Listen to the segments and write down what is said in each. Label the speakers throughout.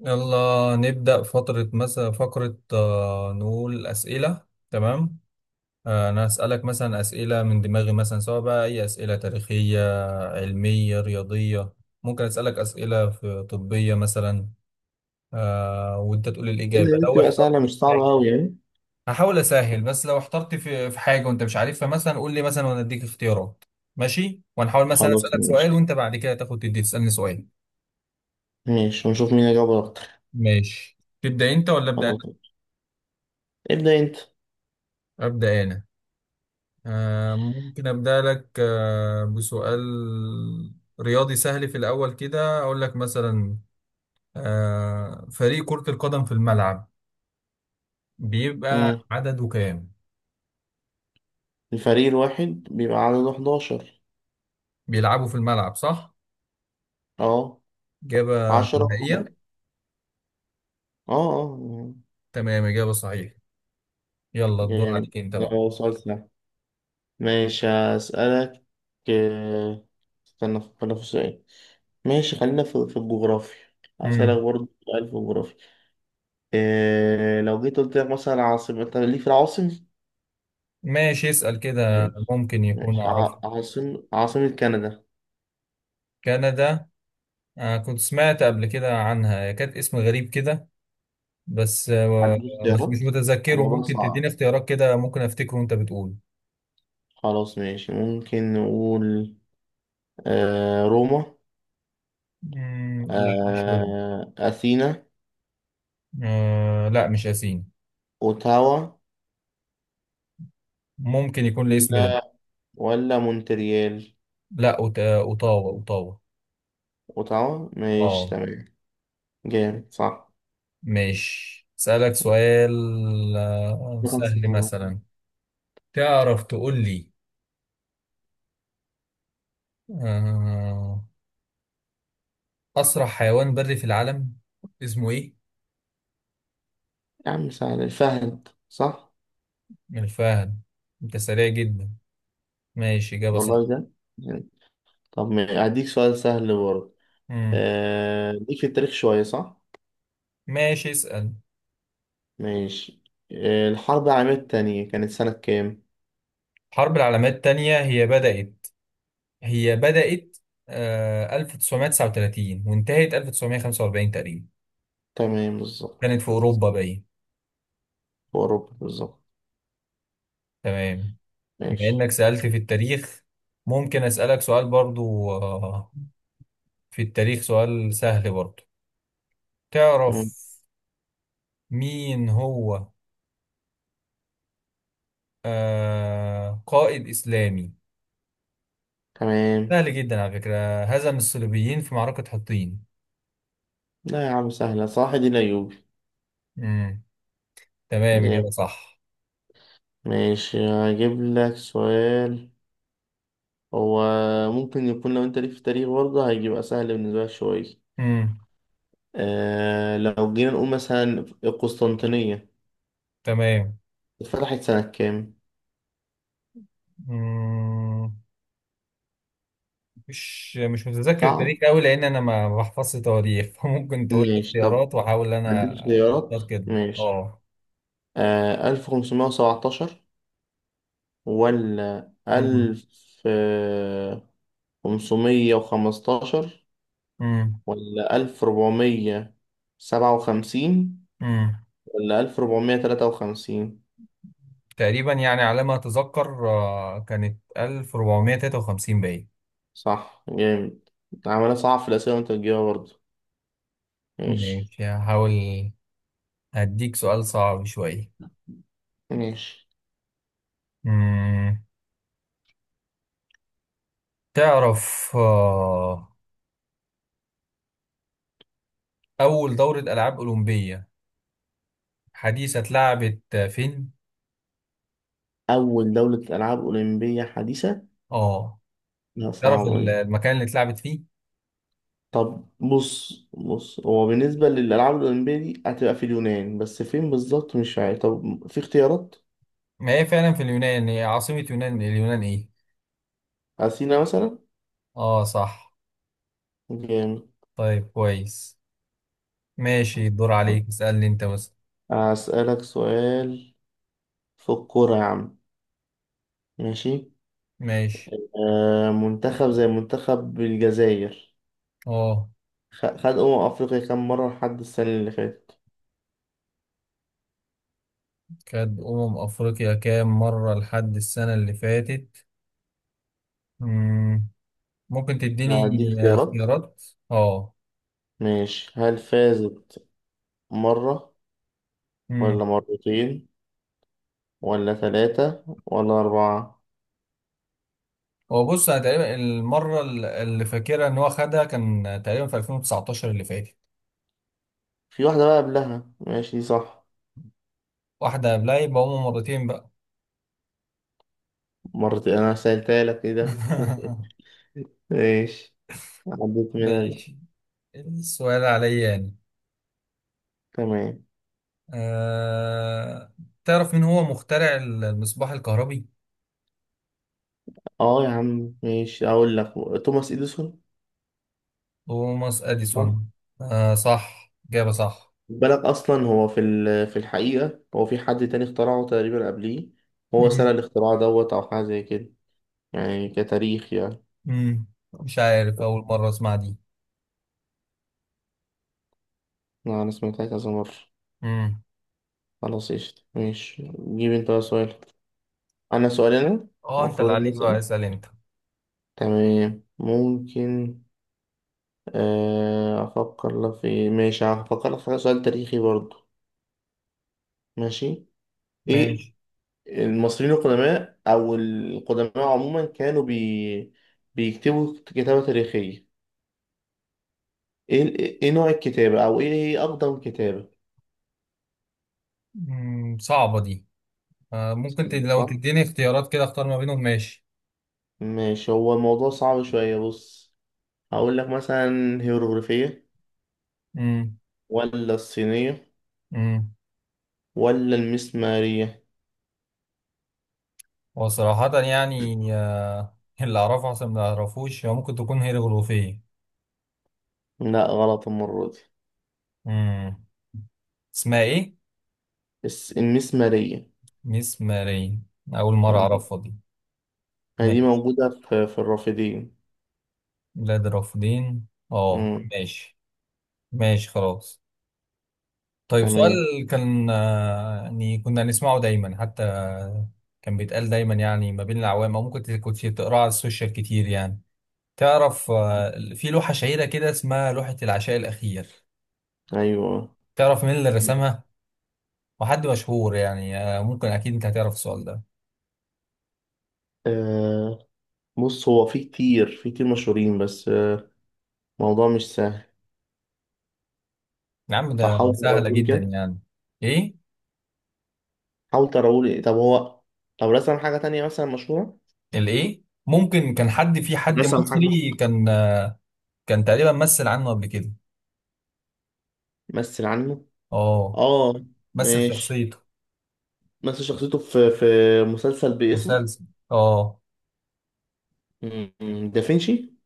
Speaker 1: يلا نبدأ فترة مثلا فقرة نقول أسئلة. تمام. أنا هسألك مثلا أسئلة من دماغي، مثلا سواء بقى أي أسئلة تاريخية، علمية، رياضية. ممكن أسألك أسئلة في طبية مثلا. وأنت تقول الإجابة لو
Speaker 2: بتبقى
Speaker 1: احترت
Speaker 2: سهلة
Speaker 1: في
Speaker 2: مش صعبة
Speaker 1: حاجة.
Speaker 2: أوي يعني.
Speaker 1: هحاول أسهل. بس لو احترت في حاجة وأنت مش عارفها مثلا، قول لي مثلا وأنا أديك اختيارات. ماشي، وأنا هحاول مثلا
Speaker 2: خلاص
Speaker 1: أسألك سؤال،
Speaker 2: ماشي.
Speaker 1: وأنت بعد كده تاخد تدي تسألني سؤال.
Speaker 2: ماشي ونشوف مين اللي جاب أكتر.
Speaker 1: ماشي، تبدأ أنت ولا أبدأ أنا؟
Speaker 2: خلاص، ابدأ أنت.
Speaker 1: أبدأ أنا. ممكن أبدأ لك بسؤال رياضي سهل في الأول كده. أقول لك مثلا، فريق كرة القدم في الملعب بيبقى
Speaker 2: مم.
Speaker 1: عدده كام؟
Speaker 2: الفريق الواحد بيبقى عدده 11.
Speaker 1: بيلعبوا في الملعب صح؟
Speaker 2: أه.
Speaker 1: إجابة
Speaker 2: 10 في حاجة.
Speaker 1: نهائية؟
Speaker 2: أه، أه.
Speaker 1: تمام، إجابة صحيحة. يلا، الدور
Speaker 2: جامد،
Speaker 1: عليك أنت بقى.
Speaker 2: ده سؤال سهل. ماشي هسألك. آه، استنى أفكر في سؤال. ماشي خلينا في الجغرافيا.
Speaker 1: مم.
Speaker 2: هسألك برضه سؤال في الجغرافيا. إيه لو جيت قلت لك مثلا عاصمة، أنت ليك في العواصم؟
Speaker 1: ماشي، اسأل كده،
Speaker 2: ماشي.
Speaker 1: ممكن يكون
Speaker 2: ماشي،
Speaker 1: أعرفه.
Speaker 2: عاصمة كندا.
Speaker 1: كندا. كنت سمعت قبل كده عنها، هي كانت اسم غريب كده. بس آه،
Speaker 2: عندي
Speaker 1: بس مش
Speaker 2: اختيارات،
Speaker 1: متذكره،
Speaker 2: الموضوع
Speaker 1: ممكن تديني
Speaker 2: صعب.
Speaker 1: اختيارات كده، ممكن افتكره وانت بتقول.
Speaker 2: خلاص ماشي، ممكن نقول روما،
Speaker 1: مم، لا مش هو.
Speaker 2: أثينا،
Speaker 1: لا، مش ياسين.
Speaker 2: أوتاوا،
Speaker 1: ممكن يكون الاسم ده.
Speaker 2: ولا ولا مونتريال.
Speaker 1: لا، اوتاوا.
Speaker 2: أوتاوا، ماشي
Speaker 1: اه.
Speaker 2: تمام. جامد صح،
Speaker 1: مش اسالك سؤال
Speaker 2: ده كان
Speaker 1: سهل
Speaker 2: سهل.
Speaker 1: مثلا. تعرف تقول لي؟ آه اسرع حيوان بري في العالم اسمه ايه؟
Speaker 2: يا عم سهل، فهد صح.
Speaker 1: من الفهد. انت سريع جدا. ماشي، اجابه صح.
Speaker 2: والله ده. طب هديك سؤال سهل برضه.
Speaker 1: مم.
Speaker 2: ليك في التاريخ شوية صح؟
Speaker 1: ماشي، اسال.
Speaker 2: ماشي. الحرب العالمية التانية كانت سنة كام؟
Speaker 1: الحرب العالميه الثانيه هي بدأت 1939 وانتهت 1945 تقريبا.
Speaker 2: تمام بالظبط.
Speaker 1: كانت في أوروبا باين.
Speaker 2: في أوروبا بالظبط.
Speaker 1: تمام. بما
Speaker 2: ماشي.
Speaker 1: إنك سألت في التاريخ، ممكن أسألك سؤال برضو في التاريخ، سؤال سهل برضو. تعرف
Speaker 2: مم.
Speaker 1: مين هو قائد إسلامي،
Speaker 2: تمام.
Speaker 1: سهل جدا، على فكرة، هزم الصليبيين في معركة حطين؟
Speaker 2: لا يا عم سهلة، صح دي الأيوبي.
Speaker 1: مم. تمام،
Speaker 2: جامد.
Speaker 1: إجابة صح.
Speaker 2: ماشي هجيب لك سؤال. هو ممكن يكون لو أنت ليك في التاريخ برضه هيبقى سهل بالنسبة لك شوية.
Speaker 1: مم.
Speaker 2: لو جينا نقول مثلا القسطنطينية
Speaker 1: تمام.
Speaker 2: اتفتحت سنة كام؟
Speaker 1: مم. مش متذكر
Speaker 2: صح؟
Speaker 1: التاريخ قوي، لان انا ما بحفظش تواريخ فممكن تقول لي
Speaker 2: ماشي طب،
Speaker 1: اختيارات واحاول انا
Speaker 2: هديك خيارات.
Speaker 1: اختار كده.
Speaker 2: ماشي.
Speaker 1: اه.
Speaker 2: 1517 ولا
Speaker 1: أمم،
Speaker 2: 1515
Speaker 1: أمم،
Speaker 2: ولا 1457
Speaker 1: أمم.
Speaker 2: ولا 1453؟
Speaker 1: تقريبا يعني على ما اتذكر كانت 1453 باين.
Speaker 2: صح، جامد. عملها صعب في الأسئلة وأنت بتجيبها برضه. ماشي.
Speaker 1: ماشي، هحاول. هديك سؤال صعب شويه.
Speaker 2: ماشي.
Speaker 1: أمم، تعرف اول دوره العاب اولمبيه حديثه اتلعبت فين؟
Speaker 2: أول دولة ألعاب أولمبية حديثة.
Speaker 1: اه،
Speaker 2: لا
Speaker 1: تعرف
Speaker 2: صعبة دي.
Speaker 1: المكان اللي اتلعبت فيه.
Speaker 2: طب بص بص، هو بالنسبة للألعاب الأولمبية دي هتبقى في اليونان، بس فين بالظبط مش عارف. طب في اختيارات.
Speaker 1: ما هي فعلا في اليونان، هي عاصمة يونان، اليونان ايه؟
Speaker 2: أثينا مثلا.
Speaker 1: اه صح.
Speaker 2: جامد.
Speaker 1: طيب كويس. ماشي، الدور عليك، اسألني انت مثلا.
Speaker 2: أسألك سؤال في الكورة يا عم. ماشي.
Speaker 1: ماشي.
Speaker 2: منتخب زي منتخب الجزائر
Speaker 1: اه.
Speaker 2: خد أمم أفريقيا كام مرة لحد السنة اللي فاتت؟
Speaker 1: كانت أمم أفريقيا كام مرة لحد السنة اللي فاتت؟ مم. ممكن تديني
Speaker 2: هدي اختيارات.
Speaker 1: اختيارات؟ اه.
Speaker 2: ماشي، هل فازت مرة
Speaker 1: مم.
Speaker 2: ولا مرتين ولا ثلاثة ولا أربعة؟
Speaker 1: هو بص، أنا تقريبا المرة اللي فاكرها إن هو خدها كان تقريبا في 2019 اللي فاتت.
Speaker 2: في واحدة بقى قبلها، ماشي صح.
Speaker 1: واحدة قبلها، يبقى هما مرتين بقى.
Speaker 2: مرتين، أنا سألتها لك، إيه ده؟ ماشي، عديت منها دي.
Speaker 1: ماشي، السؤال عليا أنا.
Speaker 2: تمام.
Speaker 1: آه... تعرف مين هو مخترع المصباح الكهربي؟
Speaker 2: اه يا عم ماشي أقول لك، توماس إديسون.
Speaker 1: توماس أديسون. صح، إجابة صح.
Speaker 2: بالك اصلا هو في الحقيقه هو في حد تاني اخترعه تقريبا قبليه. هو سنه
Speaker 1: مم.
Speaker 2: الاختراع دوت او حاجه زي كده، يعني كتاريخ يعني.
Speaker 1: مم. مش عارف، أول مرة أسمع دي.
Speaker 2: لا، انا سمعتها كذا مره.
Speaker 1: مم.
Speaker 2: خلاص قشطة، ماشي. جيب انت بقى سؤال. انا سؤالي انا،
Speaker 1: أه، أنت اللي
Speaker 2: المفروض ان
Speaker 1: عليك بقى،
Speaker 2: اسال.
Speaker 1: اسأل أنت.
Speaker 2: تمام ممكن. آه، افكر لك في ماشي هفكر لك في سؤال تاريخي برضو. ماشي. ايه،
Speaker 1: ماشي.
Speaker 2: المصريين القدماء او القدماء عموما كانوا بيكتبوا كتابة تاريخية. ايه نوع الكتابة، او ايه هي اقدم كتابة؟
Speaker 1: مم. صعبة دي. ممكن لو
Speaker 2: صح.
Speaker 1: تديني اختيارات كده أختار ما بينهم. ماشي.
Speaker 2: ماشي، هو الموضوع صعب شوية، بص. هقول لك مثلا هيروغليفية،
Speaker 1: مم.
Speaker 2: ولا الصينية،
Speaker 1: مم.
Speaker 2: ولا المسمارية.
Speaker 1: وصراحة يعني اللي أعرفه أحسن من اللي أعرفوش، هو ممكن تكون هيروغليفية.
Speaker 2: لا، غلط المرة دي.
Speaker 1: مم. اسمها إيه؟
Speaker 2: بس المسمارية.
Speaker 1: مسمارية. أول مرة
Speaker 2: مم.
Speaker 1: أعرفها دي.
Speaker 2: دي
Speaker 1: ماشي.
Speaker 2: موجودة في الرافدين.
Speaker 1: بلاد الرافدين. اه
Speaker 2: مم.
Speaker 1: ماشي. ماشي خلاص. طيب، سؤال.
Speaker 2: تمام.
Speaker 1: كان يعني كنا نسمعه دايما، حتى كان بيتقال دايما يعني ما بين العوام، او ممكن كنت تقراه على السوشيال كتير يعني. تعرف
Speaker 2: مم.
Speaker 1: في لوحة شهيرة كده اسمها لوحة العشاء الأخير؟
Speaker 2: ايوه.
Speaker 1: تعرف مين اللي
Speaker 2: مم.
Speaker 1: رسمها؟ وحد مشهور يعني، ممكن أكيد أنت هتعرف السؤال ده.
Speaker 2: آه بص، هو في كتير مشهورين، بس الموضوع مش سهل.
Speaker 1: يا عم،
Speaker 2: طب
Speaker 1: ده
Speaker 2: حاول
Speaker 1: سهلة
Speaker 2: تقولي
Speaker 1: جدا
Speaker 2: كده.
Speaker 1: يعني. إيه؟
Speaker 2: حاول تقولي، طب هو طب رسم حاجة تانية مثلا مشهورة.
Speaker 1: الإيه؟ ممكن كان حد، في حد
Speaker 2: رسم حاجة مشهورة.
Speaker 1: مصري، كان تقريبا مثل عنه قبل كده.
Speaker 2: مثل عنه.
Speaker 1: اه.
Speaker 2: اه
Speaker 1: مثل
Speaker 2: ماشي،
Speaker 1: شخصيته.
Speaker 2: مثل شخصيته في مسلسل باسمه.
Speaker 1: مسلسل. اه.
Speaker 2: مم. دافنشي.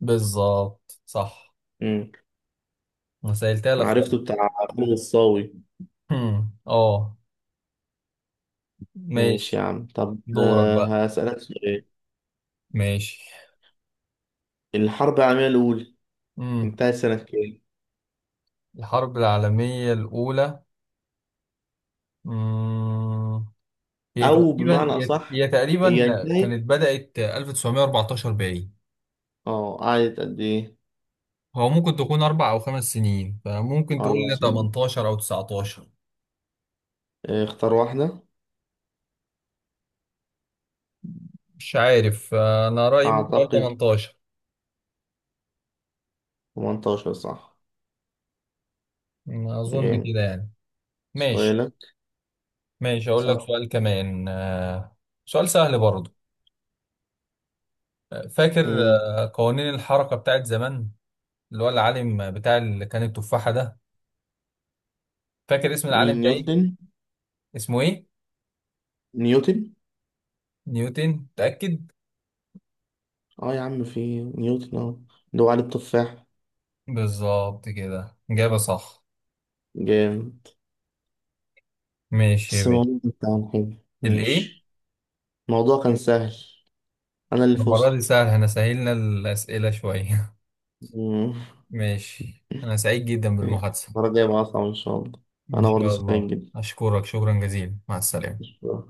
Speaker 1: بالظبط، صح.
Speaker 2: مم.
Speaker 1: انا سألتها لك خالص.
Speaker 2: عرفته، بتاع فيلم الصاوي.
Speaker 1: هم، اه.
Speaker 2: ماشي يا
Speaker 1: ماشي.
Speaker 2: عم، طب
Speaker 1: دورك بقى.
Speaker 2: هسألك سؤال.
Speaker 1: ماشي.
Speaker 2: الحرب العالمية الأولى
Speaker 1: امم
Speaker 2: انتهت سنة كام؟
Speaker 1: الحرب العالمية الأولى. امم هي
Speaker 2: أو
Speaker 1: تقريبا
Speaker 2: بمعنى
Speaker 1: هي
Speaker 2: أصح،
Speaker 1: هي تقريبا
Speaker 2: هي انتهت.
Speaker 1: كانت بدأت 1914 باين.
Speaker 2: اه قعدت قد إيه؟
Speaker 1: هو ممكن تكون 4 أو 5 سنين، فممكن تقول
Speaker 2: أربع
Speaker 1: لي
Speaker 2: سنين
Speaker 1: 18 أو 19.
Speaker 2: اختار واحدة.
Speaker 1: مش عارف، أنا رأيي ممكن أقول
Speaker 2: أعتقد
Speaker 1: 18.
Speaker 2: 18، صح.
Speaker 1: أظن كده
Speaker 2: جامد.
Speaker 1: يعني. ماشي.
Speaker 2: سؤالك.
Speaker 1: ماشي، أقول لك
Speaker 2: صح.
Speaker 1: سؤال كمان. سؤال سهل برضه. فاكر
Speaker 2: مم.
Speaker 1: قوانين الحركة بتاعت زمان، اللي هو العالم بتاع اللي كان التفاحة ده؟ فاكر اسم العالم
Speaker 2: مين،
Speaker 1: ده إيه؟
Speaker 2: نيوتن؟
Speaker 1: اسمه إيه؟
Speaker 2: نيوتن؟
Speaker 1: نيوتن، متأكد؟
Speaker 2: اه يا عم، في نيوتن اهو، اللي هو عليه التفاح.
Speaker 1: بالظبط كده، إجابة صح.
Speaker 2: جامد.
Speaker 1: ماشي يا
Speaker 2: بس
Speaker 1: بيه.
Speaker 2: الموضوع ده بتاعنا حلو.
Speaker 1: الإيه؟
Speaker 2: ماشي. الموضوع كان سهل، انا اللي
Speaker 1: المرة دي
Speaker 2: فزت.
Speaker 1: سهل، احنا سهلنا الأسئلة شوية.
Speaker 2: مم.
Speaker 1: ماشي، أنا سعيد جدا
Speaker 2: ماشي.
Speaker 1: بالمحادثة.
Speaker 2: المرة الجاية بقى اصعب ان شاء الله.
Speaker 1: إن
Speaker 2: انا برضه
Speaker 1: شاء
Speaker 2: سعيد
Speaker 1: الله،
Speaker 2: جدا.
Speaker 1: أشكرك شكرا جزيلا، مع السلامة.
Speaker 2: شكرا.